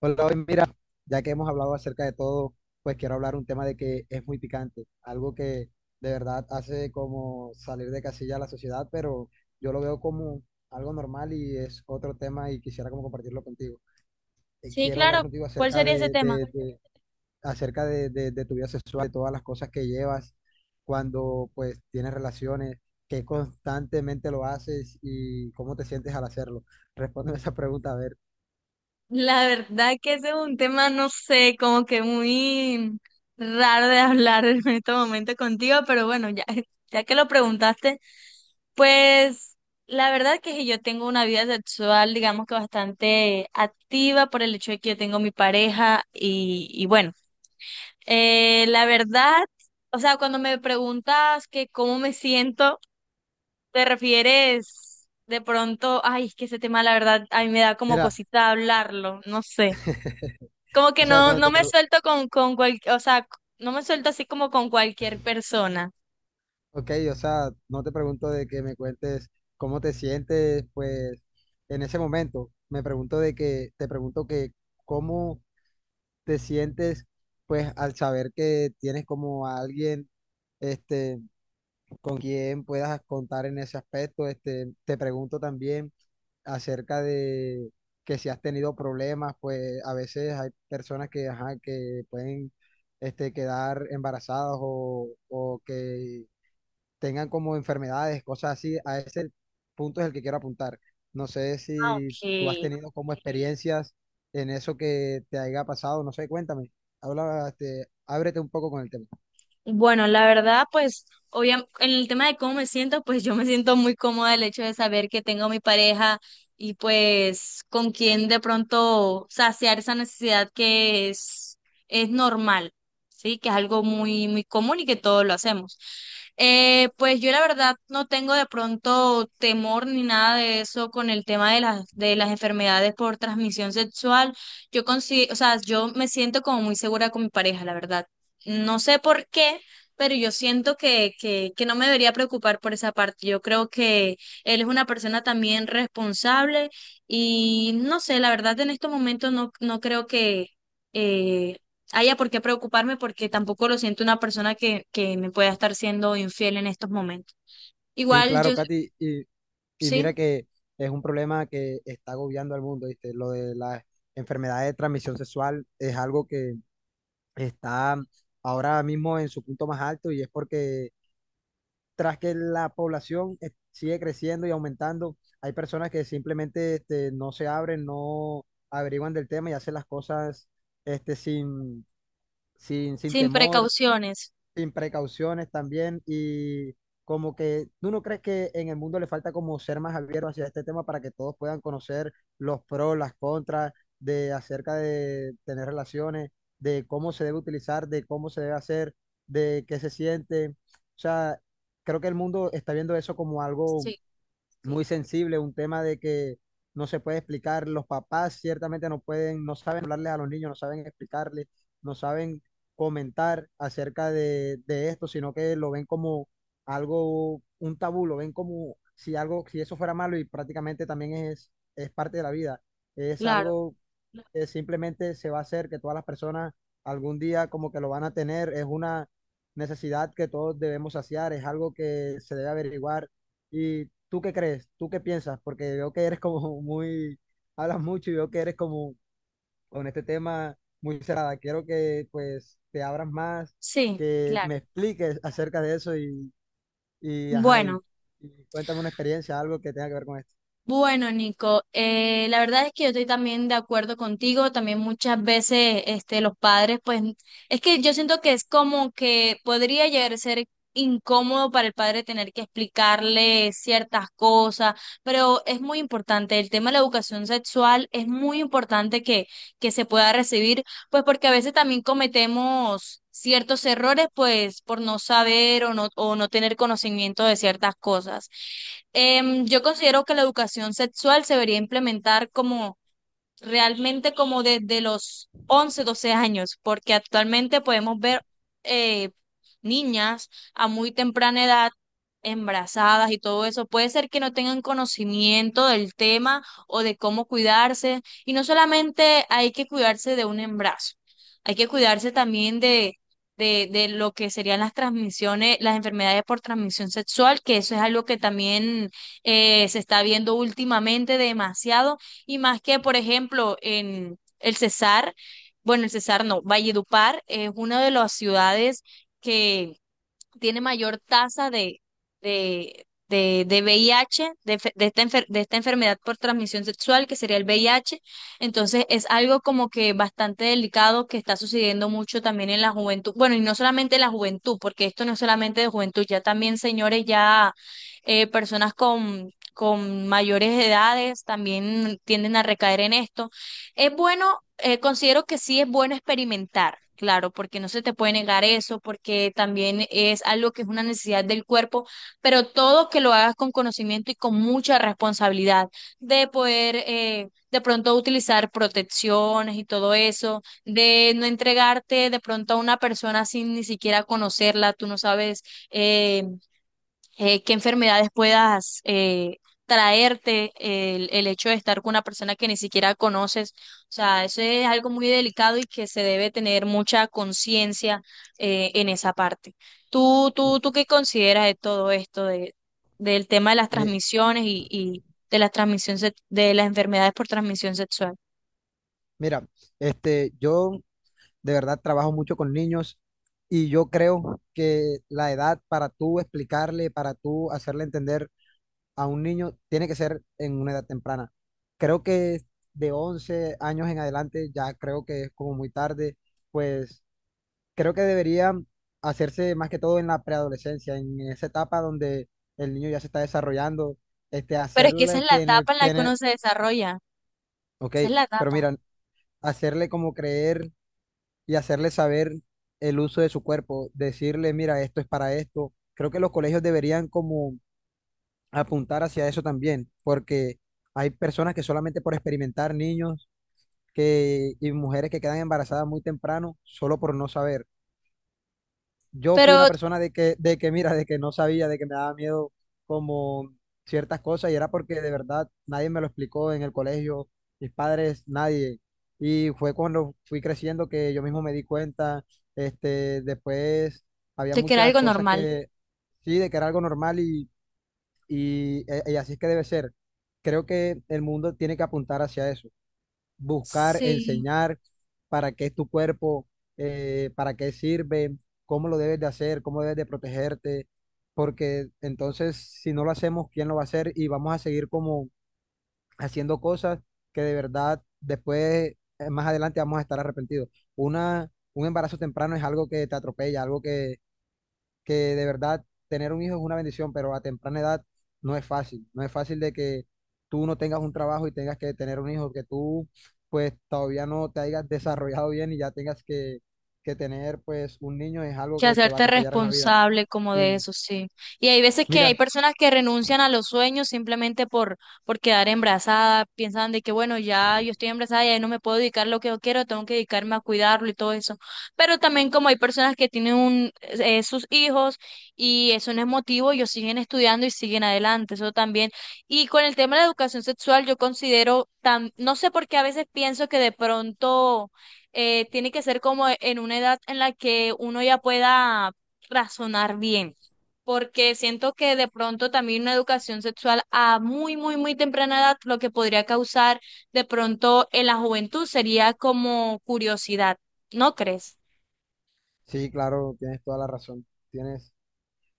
Hola, hoy mira, ya que hemos hablado acerca de todo, pues quiero hablar un tema de que es muy picante, algo que de verdad hace como salir de casilla a la sociedad, pero yo lo veo como algo normal y es otro tema y quisiera como compartirlo contigo. Sí, Quiero hablar claro. contigo ¿Cuál acerca sería ese de, tema? de- de- acerca de, de- de tu vida sexual, de todas las cosas que llevas cuando pues tienes relaciones, que constantemente lo haces y cómo te sientes al hacerlo. Respóndeme esa pregunta, a ver. La verdad que ese es un tema, no sé, como que muy raro de hablar en este momento contigo, pero bueno, ya, ya que lo preguntaste, pues la verdad que si yo tengo una vida sexual, digamos que bastante activa por el hecho de que yo tengo mi pareja y bueno, la verdad, o sea, cuando me preguntas que cómo me siento... ¿Te refieres de pronto? Ay, es que ese tema, la verdad, a mí me da como Mira, cosita hablarlo, no sé. Como o que sea, cuando no te me suelto con cual, o sea, no me suelto así como con cualquier persona. ok, o sea, no te pregunto de que me cuentes cómo te sientes, pues, en ese momento. Me pregunto de que, te pregunto que cómo te sientes, pues, al saber que tienes como a alguien, este, con quien puedas contar en ese aspecto. Este, te pregunto también acerca de que si has tenido problemas, pues, a veces hay personas que, ajá, que pueden, este, quedar embarazadas o que tengan como enfermedades, cosas así, a ese punto es el que quiero apuntar. No sé Ah, si tú has ok. tenido como experiencias en eso que te haya pasado, no sé, cuéntame. Habla, este, ábrete un poco con el tema. Bueno, la verdad, pues, obviamente en el tema de cómo me siento, pues yo me siento muy cómoda el hecho de saber que tengo mi pareja y pues con quien de pronto saciar esa necesidad que es normal, ¿sí? Que es algo muy, muy común y que todos lo hacemos. Pues yo la verdad no tengo de pronto temor ni nada de eso con el tema de de las enfermedades por transmisión sexual. O sea, yo me siento como muy segura con mi pareja, la verdad. No sé por qué, pero yo siento que no me debería preocupar por esa parte. Yo creo que él es una persona también responsable y no sé, la verdad en estos momentos no creo que eh, haya por qué preocuparme porque tampoco lo siento una persona que me pueda estar siendo infiel en estos momentos. Sí, Igual claro, yo, Katy, y mira sí, que es un problema que está agobiando al mundo, ¿viste? Lo de la enfermedad de transmisión sexual es algo que está ahora mismo en su punto más alto y es porque tras que la población sigue creciendo y aumentando, hay personas que simplemente este, no se abren, no averiguan del tema y hacen las cosas este, sin sin temor precauciones. sin precauciones también y como que tú no crees que en el mundo le falta como ser más abierto hacia este tema para que todos puedan conocer los pros, las contras de acerca de tener relaciones, de cómo se debe utilizar, de cómo se debe hacer, de qué se siente. O sea, creo que el mundo está viendo eso como algo Sí, muy sensible, un tema de que no se puede explicar, los papás ciertamente no pueden, no saben hablarles a los niños, no saben explicarles, no saben comentar acerca de esto, sino que lo ven como algo, un tabú, lo ven como si algo, si eso fuera malo y prácticamente también es parte de la vida, es claro, algo que simplemente se va a hacer, que todas las personas algún día como que lo van a tener, es una necesidad que todos debemos saciar, es algo que se debe averiguar. ¿Y tú qué crees? ¿Tú qué piensas? Porque veo que eres como muy, hablas mucho y veo que eres como con este tema muy cerrada. Quiero que pues te abras más, sí, que claro. me expliques acerca de eso y, ajá, Bueno. y cuéntame una experiencia, algo que tenga que ver con esto. Bueno, Nico, la verdad es que yo estoy también de acuerdo contigo, también muchas veces este, los padres, pues es que yo siento que es como que podría llegar a ser incómodo para el padre tener que explicarle ciertas cosas, pero es muy importante, el tema de la educación sexual es muy importante que se pueda recibir, pues porque a veces también cometemos ciertos errores, pues por no saber o o no tener conocimiento de ciertas cosas. Yo considero que la educación sexual se debería implementar como realmente como desde los 11 12 años, porque actualmente podemos ver eh, niñas a muy temprana edad embarazadas y todo eso. Puede ser que no tengan conocimiento del tema o de cómo cuidarse. Y no solamente hay que cuidarse de un embarazo, hay que cuidarse también de... de lo que serían las transmisiones, las enfermedades por transmisión sexual, que eso es algo que también se está viendo últimamente demasiado y más que, por ejemplo, en el Cesar, bueno, el Cesar no, Valledupar es una de las ciudades que tiene mayor tasa de VIH, de esta enfermedad por transmisión sexual, que sería el VIH. Entonces es algo como que bastante delicado que está sucediendo mucho también en la juventud. Bueno, y no solamente en la juventud, porque esto no es solamente de juventud, ya también, señores, ya personas con mayores edades también tienden a recaer en esto. Es bueno considero que sí es bueno experimentar, claro, porque no se te puede negar eso, porque también es algo que es una necesidad del cuerpo, pero todo que lo hagas con conocimiento y con mucha responsabilidad de poder de pronto utilizar protecciones y todo eso, de no entregarte de pronto a una persona sin ni siquiera conocerla, tú no sabes. eh, ¿Qué enfermedades puedas traerte, el hecho de estar con una persona que ni siquiera conoces? O sea, eso es algo muy delicado y que se debe tener mucha conciencia en esa parte. ¿ Tú qué consideras de todo esto, de, del tema de las Mi- transmisiones y de las transmisiones de las enfermedades por transmisión sexual? mira, este, yo de verdad, trabajo mucho con niños y yo creo que la edad para tú explicarle, para tú hacerle entender a un niño, tiene que ser en una edad temprana. Creo que de 11 años en adelante ya creo que es como muy tarde, pues creo que debería hacerse más que todo en la preadolescencia, en esa etapa donde el niño ya se está desarrollando, este, Pero es que esa es hacerle la que etapa en la que uno se desarrolla, ok, esa es la pero etapa. mira, hacerle como creer y hacerle saber el uso de su cuerpo, decirle, mira, esto es para esto. Creo que los colegios deberían como apuntar hacia eso también, porque hay personas que solamente por experimentar niños que, y mujeres que quedan embarazadas muy temprano, solo por no saber yo fui una Pero persona mira, de que no sabía, de que me daba miedo como ciertas cosas y era porque de verdad nadie me lo explicó en el colegio, mis padres, nadie. Y fue cuando fui creciendo que yo mismo me di cuenta, este, después había de que era muchas algo cosas normal. que sí, de que era algo normal y así es que debe ser. Creo que el mundo tiene que apuntar hacia eso buscar, Sí. enseñar para qué es tu cuerpo, para qué sirve, cómo lo debes de hacer, cómo debes de protegerte, porque entonces si no lo hacemos, ¿quién lo va a hacer? Y vamos a seguir como haciendo cosas que de verdad después, más adelante vamos a estar arrepentidos. Una, un embarazo temprano es algo que te atropella, algo que de verdad tener un hijo es una bendición, pero a temprana edad no es fácil. No es fácil de que tú no tengas un trabajo y tengas que tener un hijo, que tú pues todavía no te hayas desarrollado bien y ya tengas que tener pues un niño es algo Que que te va a hacerte atropellar en la vida. responsable como de Y eso, sí. Y hay veces que hay mira, personas que renuncian a los sueños simplemente por quedar embarazada, piensan de que, bueno, ya yo estoy embarazada y ahí no me puedo dedicar lo que yo quiero, tengo que dedicarme a cuidarlo y todo eso. Pero también como hay personas que tienen un, sus hijos y eso no es motivo, ellos siguen estudiando y siguen adelante, eso también. Y con el tema de la educación sexual, yo considero, tan, no sé por qué a veces pienso que de pronto tiene que ser como en una edad en la que uno ya pueda razonar bien, porque siento que de pronto también una educación sexual a muy, muy, muy temprana edad, lo que podría causar de pronto en la juventud sería como curiosidad, ¿no crees? sí, claro, tienes toda la razón. Tienes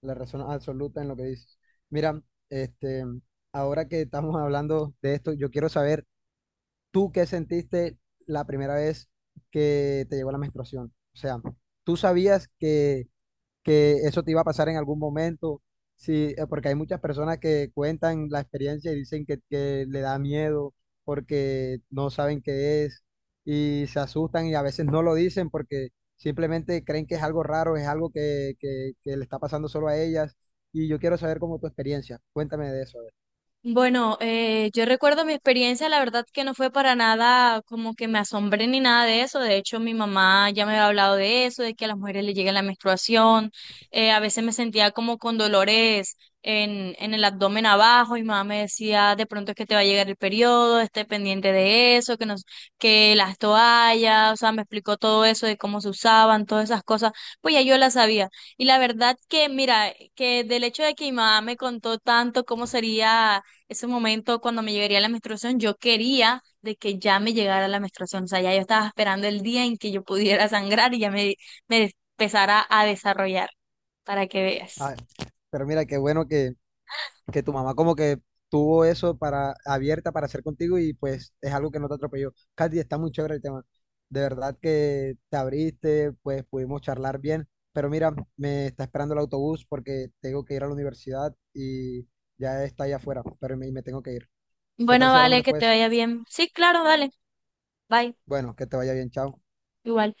la razón absoluta en lo que dices. Mira, este, ahora que estamos hablando de esto, yo quiero saber ¿tú qué sentiste la primera vez que te llegó la menstruación? O sea, ¿tú sabías que eso te iba a pasar en algún momento? Sí, porque hay muchas personas que cuentan la experiencia y dicen que le da miedo porque no saben qué es y se asustan y a veces no lo dicen porque simplemente creen que es algo raro, es algo que le está pasando solo a ellas. Y yo quiero saber cómo tu experiencia. Cuéntame de eso, a ver. Bueno, yo recuerdo mi experiencia, la verdad que no fue para nada como que me asombré ni nada de eso. De hecho, mi mamá ya me había hablado de eso, de que a las mujeres les llega la menstruación. A veces me sentía como con dolores en el abdomen abajo. Y mi mamá me decía, de pronto es que te va a llegar el periodo, esté pendiente de eso, que las toallas, o sea, me explicó todo eso de cómo se usaban, todas esas cosas. Pues ya yo las sabía. Y la verdad que, mira, que del hecho de que mi mamá me contó tanto cómo sería ese momento cuando me llegaría la menstruación, yo quería de que ya me llegara la menstruación, o sea, ya yo estaba esperando el día en que yo pudiera sangrar y ya me empezara a desarrollar, para que veas. Ah, pero mira, qué bueno que tu mamá como que tuvo eso para abierta para hacer contigo y pues es algo que no te atropelló. Katy, está muy chévere el tema. De verdad que te abriste, pues pudimos charlar bien, pero mira, me está esperando el autobús porque tengo que ir a la universidad y ya está ahí afuera, pero me tengo que ir. ¿Qué tal Bueno, si hablamos vale, que te después? vaya bien. Sí, claro, dale, bye, Bueno, que te vaya bien, chao. igual.